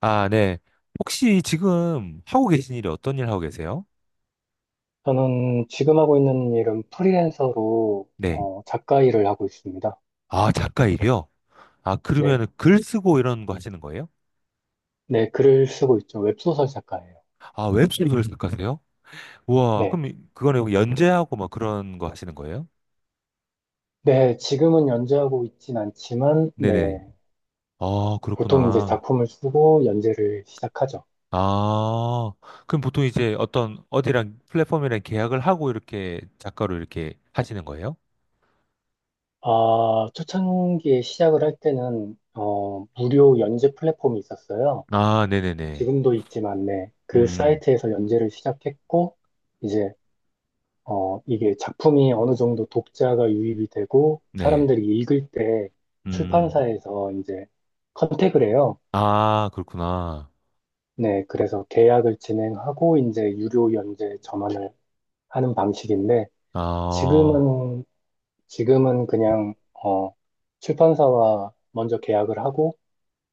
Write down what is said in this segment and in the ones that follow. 아, 네. 혹시 지금 하고 계신 일이 어떤 일 하고 계세요? 저는 지금 하고 있는 일은 프리랜서로 네. 작가 일을 하고 있습니다. 아, 작가 일이요? 아, 네. 그러면 글 쓰고 이런 거 하시는 거예요? 네, 글을 쓰고 있죠. 웹소설 작가예요. 아, 웹소설 작가세요? 우와, 네. 그럼 그거는 뭐 연재하고 막 그런 거 하시는 거예요? 네, 지금은 연재하고 있진 않지만, 네. 네네. 아, 보통 이제 그렇구나. 작품을 쓰고 연재를 시작하죠. 아, 그럼 보통 이제 어떤 어디랑 플랫폼이랑 계약을 하고 이렇게 작가로 이렇게 하시는 거예요? 아, 초창기에 시작을 할 때는, 무료 연재 플랫폼이 있었어요. 아, 네네네. 지금도 있지만, 네. 그 음, 사이트에서 연재를 시작했고, 이제 이게 작품이 어느 정도 독자가 유입이 되고 네. 사람들이 읽을 때 음, 출판사에서 이제 컨택을 해요. 아, 그렇구나. 네, 그래서 계약을 진행하고 이제 유료 연재 전환을 하는 방식인데 아. 지금은 지금은 그냥 출판사와 먼저 계약을 하고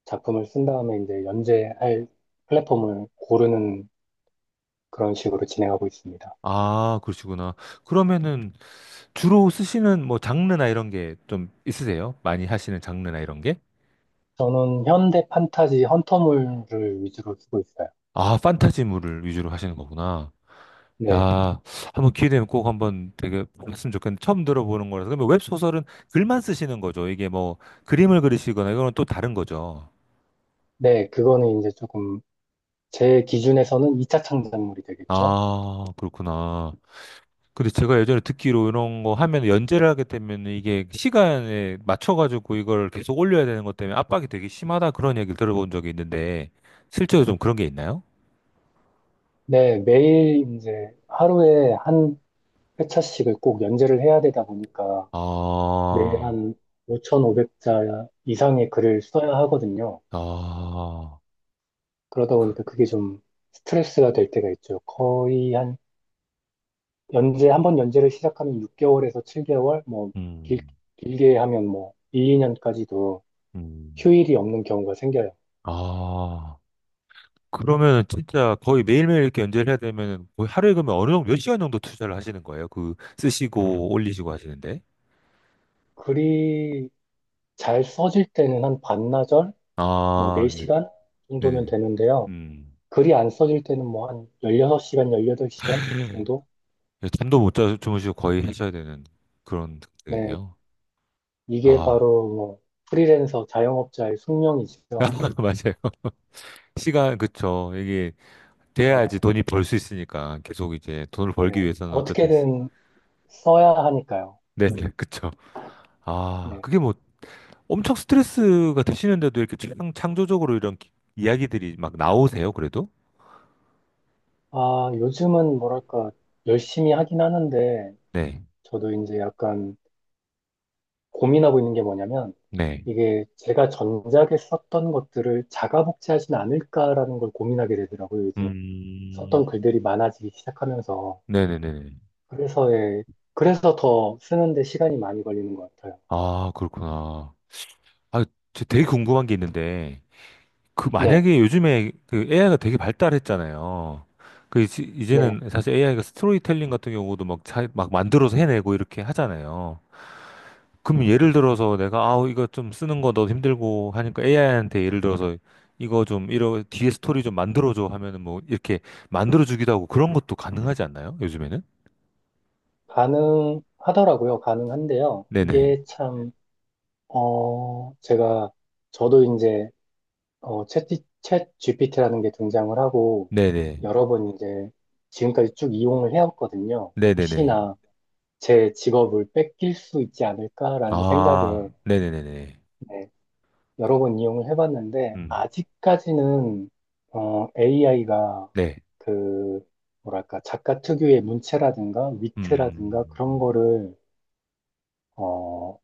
작품을 쓴 다음에 이제 연재할 플랫폼을 고르는 그런 식으로 진행하고 있습니다. 아, 그러시구나. 그러면은 주로 쓰시는 뭐 장르나 이런 게 좀 있으세요? 많이 하시는 장르나 이런 게? 저는 현대 판타지 헌터물을 위주로 쓰고 있어요. 아, 판타지물을 위주로 하시는 거구나. 네. 야, 한번 기회 되면 꼭 한번 되게 했으면 좋겠는데 처음 들어보는 거라서. 그러면 웹소설은 글만 쓰시는 거죠. 이게 뭐 그림을 그리시거나 이거는 또 다른 거죠. 네, 그거는 이제 조금 제 기준에서는 2차 창작물이 되겠죠. 아, 그렇구나. 근데 제가 예전에 듣기로 이런 거 하면 연재를 하게 되면 이게 시간에 맞춰가지고 이걸 계속 올려야 되는 것 때문에 압박이 되게 심하다 그런 얘기를 들어본 적이 있는데 실제로 좀 그런 게 있나요? 네, 매일 이제 하루에 한 회차씩을 꼭 연재를 해야 되다 보니까 매일 아, 한 5,500자 이상의 글을 써야 하거든요. 아, 그러다 보니까 그게 좀 스트레스가 될 때가 있죠. 거의 한 연재, 한 번 연재를 시작하면 6개월에서 7개월, 뭐 길, 음, 길게 하면 뭐일 2년까지도 음, 휴일이 없는 경우가 생겨요. 아. 그러면 진짜 거의 매일매일 이렇게 연재를 해야 되면 거의 하루에 그러면 어느 정도 몇 시간 정도 투자를 하시는 거예요? 그 쓰시고 올리시고 하시는데? 글이 잘 써질 때는 한 반나절? 뭐 아, 네, 4시간 정도면 네네. 되는데요. 음. 글이 안 써질 때는 뭐 한 16시간, 18시간 정도? 예, 잠도 못 자, 주무시고 거의 하셔야 되는 그런 네, 상태겠네요. 이게 아, 바로 뭐 프리랜서 자영업자의 숙명이죠. 맞아요. 시간, 그쵸. 이게 네, 돼야지 돈이 벌 수 있으니까 계속 이제 돈을 벌기 네. 위해서는 어쨌든. 어떻게든 써야 하니까요. 네, 네, 그쵸. 아, 네. 그게 뭐 엄청 스트레스가 되시는데도 이렇게 창조적으로 이런 이야기들이 막 나오세요, 그래도? 아, 요즘은 뭐랄까, 열심히 하긴 하는데, 네, 저도 이제 약간 고민하고 있는 게 뭐냐면, 네. 이게 제가 전작에 썼던 것들을 자가 복제하진 않을까라는 걸 고민하게 되더라고요, 이제. 음, 썼던 글들이 많아지기 시작하면서. 네네네. 그래서, 예, 그래서 더 쓰는데 시간이 많이 걸리는 것 같아요. 아, 그렇구나. 아, 저 되게 궁금한 게 있는데, 그 네, 만약에 요즘에 그 AI가 되게 발달했잖아요. 그 네. 이제는 사실 AI가 스토리텔링 같은 경우도 막, 자, 막 만들어서 해내고 이렇게 하잖아요. 그럼 예를 들어서 내가 아우 이거 좀 쓰는 거 너무 힘들고 하니까 AI한테 예를 들어서 이거 좀 이런 뒤에 스토리 좀 만들어줘 하면은 뭐 이렇게 만들어주기도 하고 그런 것도 가능하지 않나요? 요즘에는? 가능하더라고요. 가능한데요. 네네. 이게 참, 어, 제가, 저도 이제, 챗 GPT라는 게 등장을 하고, 네네. 여러 번 이제, 지금까지 쭉 이용을 해왔거든요. 네네네. 혹시나 제 직업을 뺏길 수 있지 않을까라는 생각에, 아, 네네네네. 네, 여러 번 이용을 해봤는데, 음. 아직까지는, AI가 네. 그, 뭐랄까, 작가 특유의 문체라든가 위트라든가 음. 그런 음. 거를, 어,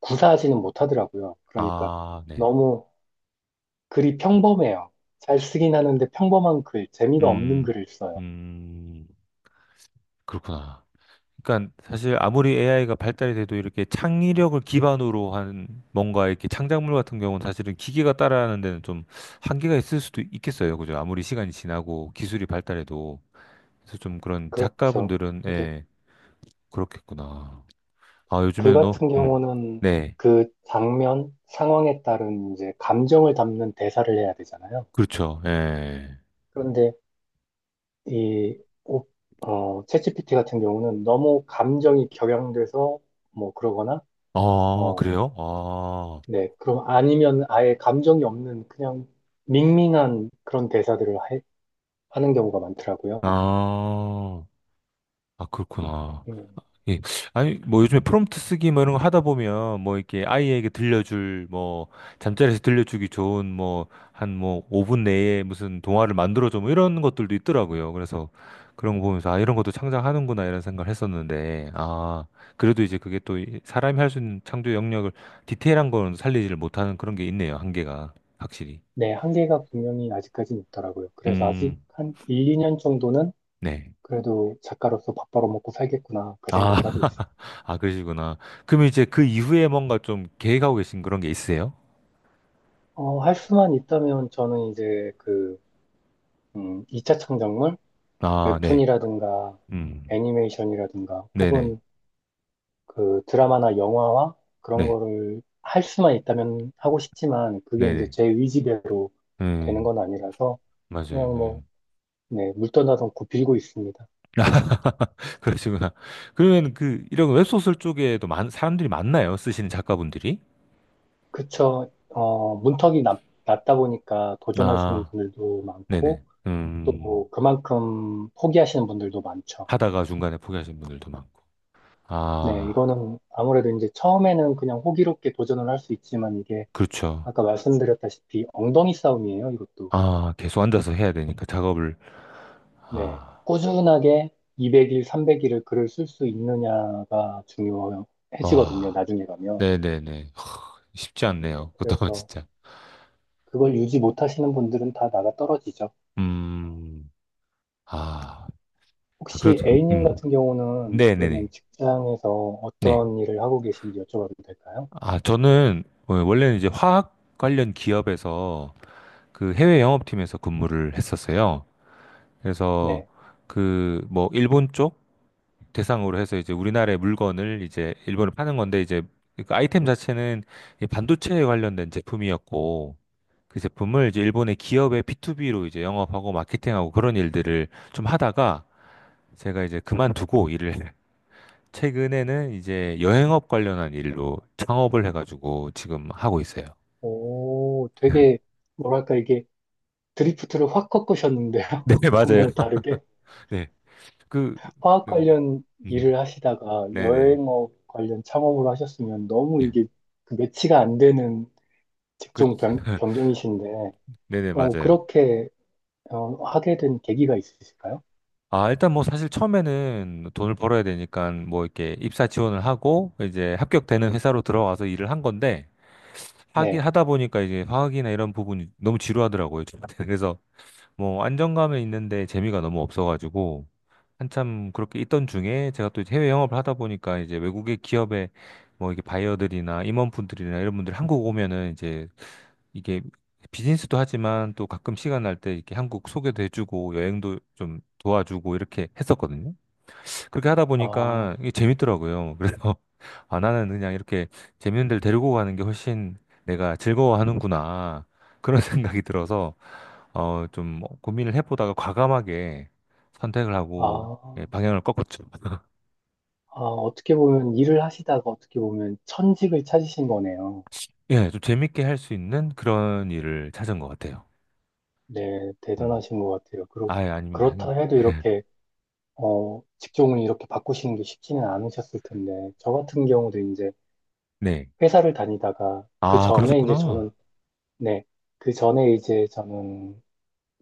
구사하지는 못하더라고요. 그러니까 아, 네. 너무 글이 평범해요. 잘 쓰긴 하는데 평범한 글, 재미가 없는 음, 글을 써요. 음, 그렇구나. 그러니까 사실 아무리 AI가 발달이 돼도 이렇게 창의력을 기반으로 한 뭔가 이렇게 창작물 같은 경우는 사실은 기계가 따라하는 데는 좀 한계가 있을 수도 있겠어요. 그죠? 아무리 시간이 지나고 기술이 발달해도. 그래서 좀 그런 그렇죠. 작가분들은, 이제 예, 그렇겠구나. 아, 글 요즘에는, 너, 같은 경우는 네, 그 장면, 상황에 따른 이제 감정을 담는 대사를 해야 되잖아요. 그렇죠. 예. 그런데 이, 오- 챗GPT 같은 경우는 너무 감정이 격양돼서 뭐 그러거나, 아, 어, 그래요? 아, 네, 그럼 아니면 아예 감정이 없는 그냥 밍밍한 그런 대사들을 하는 경우가 많더라고요. 아, 아, 그렇구나. 음, 예. 아니, 뭐 요즘에 프롬프트 쓰기 뭐 이런 거 하다 보면 뭐 이렇게 아이에게 들려줄 뭐 잠자리에서 들려주기 좋은 뭐 한 뭐 5분 내에 무슨 동화를 만들어줘 뭐 이런 것들도 있더라고요. 그래서 그런 거 보면서 아, 이런 것도 창작하는구나 이런 생각을 했었는데 아, 그래도 이제 그게 또 사람이 할 수 있는 창조 영역을 디테일한 거는 살리지를 못하는 그런 게 있네요. 한계가 확실히. 네, 한계가 분명히 아직까지는 있더라고요. 그래서 아직 음, 한 1, 2년 정도는 네. 그래도 작가로서 밥 벌어먹고 살겠구나, 그 아, 생각을 하고 있어요. 아, 그러시구나. 그럼 이제 그 이후에 뭔가 좀 계획하고 계신 그런 게 있으세요? 할 수만 있다면 저는 이제 그, 2차 창작물? 아, 네. 웹툰이라든가 음. 애니메이션이라든가 네네. 혹은 그 드라마나 영화와 그런 네. 거를 할 수만 있다면 하고 싶지만 그게 이제 네네. 제 의지대로 되는 음. 건 아니라서 그냥 맞아요. 예. 뭐, 네, 물떠나서 굽히고 있습니다. 그러시구나. 그러면 그 이런 웹소설 쪽에도 사람들이 많나요? 쓰시는 작가분들이? 그쵸. 문턱이 낮다 보니까 도전하시는 아, 분들도 많고 네네. 음. 또 그만큼 포기하시는 분들도 많죠. 하다가 중간에 포기하신 분들도 많고. 네, 아, 이거는 아무래도 이제 처음에는 그냥 호기롭게 도전을 할 수 있지만 이게 그렇죠. 아까 말씀드렸다시피 엉덩이 싸움이에요, 이것도. 아, 계속 앉아서 해야 되니까 작업을. 네. 아, 꾸준하게 200일, 300일을 글을 쓸 수 있느냐가 중요해지거든요, 와. 나중에 가면. 네네네. 허, 쉽지 네. 않네요. 그것도 그래서 진짜. 그걸 유지 못하시는 분들은 다 나가 떨어지죠. 음. 아, 혹시 그래도 A님 음. 같은 경우는 그러면 네네네. 직장에서 네. 어떤 일을 하고 계신지 여쭤봐도 될까요? 아, 저는 원래는 이제 화학 관련 기업에서 그 해외 영업팀에서 근무를 했었어요. 그래서 네. 그 뭐 일본 쪽 대상으로 해서 이제 우리나라의 물건을 이제 일본에 파는 건데 이제 그 아이템 자체는 이 반도체에 관련된 제품이었고 그 제품을 이제 일본의 기업의 B2B로 이제 영업하고 마케팅하고 그런 일들을 좀 하다가 제가 이제 그만두고 일을 최근에는 이제 여행업 관련한 일로 창업을 해가지고 지금 하고 있어요. 오, 되게, 뭐랄까, 이게 드리프트를 확 꺾으셨는데요. 네, 맞아요. 너무 다르게. 네. 그, 화학 그, 관련 음, 일을 하시다가 네네. 여행업 관련 창업을 하셨으면 너무 예. 이게 그 매치가 안 되는 그, 직종 변, 변경이신데, 네네, 맞아요. 그렇게 하게 된 계기가 있으실까요? 아, 일단 뭐 사실 처음에는 돈을 벌어야 되니까 뭐 이렇게 입사 지원을 하고 이제 합격되는 회사로 들어가서 일을 한 건데 하기 네. 하다 보니까 이제 화학이나 이런 부분이 너무 지루하더라고요. 저한테는. 그래서 뭐 안정감은 있는데 재미가 너무 없어가지고 한참 그렇게 있던 중에 제가 또 이제 해외 영업을 하다 보니까 이제 외국의 기업의 뭐 이게 바이어들이나 임원분들이나 이런 분들이 한국 오면은 이제 이게 비즈니스도 하지만 또 가끔 시간 날 때 이렇게 한국 소개도 해주고 여행도 좀 도와주고 이렇게 했었거든요. 그렇게 하다 아, 보니까 이게 재밌더라고요. 그래서 아 나는 그냥 이렇게 재밌는 데를 데리고 가는 게 훨씬 내가 즐거워하는구나 그런 생각이 들어서 어좀 뭐 고민을 해보다가 과감하게 선택을 하고 예, 아, 방향을 꺾었죠. 아, 어떻게 보면 일을 하시다가 어떻게 보면 천직을 찾으신 거네요. 예, 좀 재밌게 할 수 있는 그런 일을 찾은 것 같아요. 네, 음. 대단하신 것 같아요. 그렇, 아예 아닙니다. 그렇다 해도 이렇게, 직종을 이렇게 바꾸시는 게 쉽지는 않으셨을 텐데, 저 같은 경우도 이제 네. 회사를 다니다가, 그 아, 전에 이제 그러셨구나. 저는 네. 그 전에 이제 저는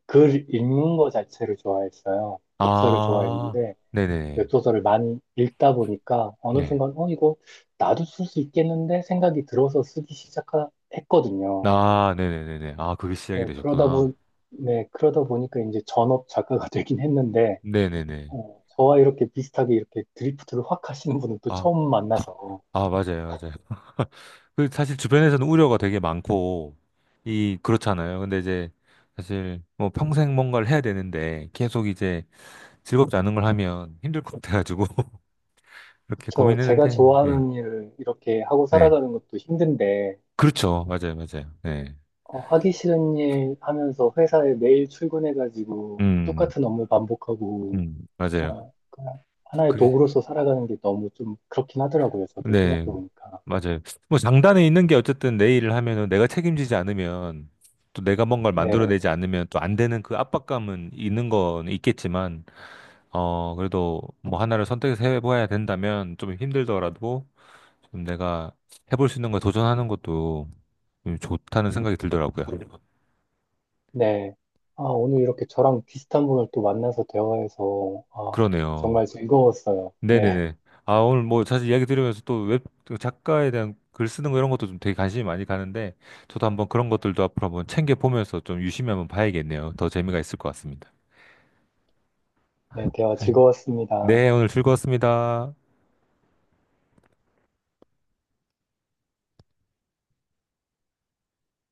글 읽는 거 자체를 좋아했어요. 독서를 아, 좋아했는데, 네네네. 웹소설을 많이 읽다 보니까 어느 네. 순간, 이거 나도 쓸 수 있겠는데 생각이 들어서 쓰기 시작했거든요. 아, 네네네네. 아, 그게 시작이 네, 되셨구나. 네, 그러다 보니까 이제 전업 작가가 되긴 했는데, 네네네. 저와 이렇게 비슷하게 이렇게 드리프트를 확 하시는 분은 또 아, 처음 아, 만나서, 아, 맞아요, 맞아요. 그 사실 주변에서는 우려가 되게 많고, 이, 그렇잖아요. 근데 이제 사실 뭐 평생 뭔가를 해야 되는데 계속 이제 즐겁지 않은 걸 하면 힘들 것 같아가지고, 이렇게 그쵸. 제가 고민했는데, 예, 좋아하는 일을 이렇게 하고 네. 살아가는 것도 힘든데, 그렇죠. 맞아요, 맞아요. 네. 하기 싫은 일 하면서 회사에 매일 출근해가지고 음, 똑같은 업무 반복하고, 맞아요. 그냥 하나의 그게 도구로서 살아가는 게 너무 좀 그렇긴 하더라고요. 저도 네, 생각해보니까. 맞아요. 뭐 장단에 있는 게 어쨌든 내 일을 하면은 내가 책임지지 않으면 또 내가 뭔가를 네, 만들어내지 않으면 또 안 되는 그 압박감은 있는 건 있겠지만 어 그래도 뭐 하나를 선택해서 해봐야 된다면 좀 힘들더라도 좀 내가 해볼 수 있는 걸 도전하는 것도 좀 좋다는 생각이 들더라고요. 네. 아, 오늘 이렇게 저랑 비슷한 분을 또 만나서 대화해서, 아, 그러네요. 정말 즐거웠어요. 네, 네네네. 아, 오늘 뭐 사실 이야기 들으면서 또 웹 작가에 대한 글 쓰는 거 이런 것도 좀 되게 관심이 많이 가는데 저도 한번 그런 것들도 앞으로 한번 챙겨 보면서 좀 유심히 한번 봐야겠네요. 더 재미가 있을 것 같습니다. 네, 대화 아, 즐거웠습니다. 네, 오늘 즐거웠습니다.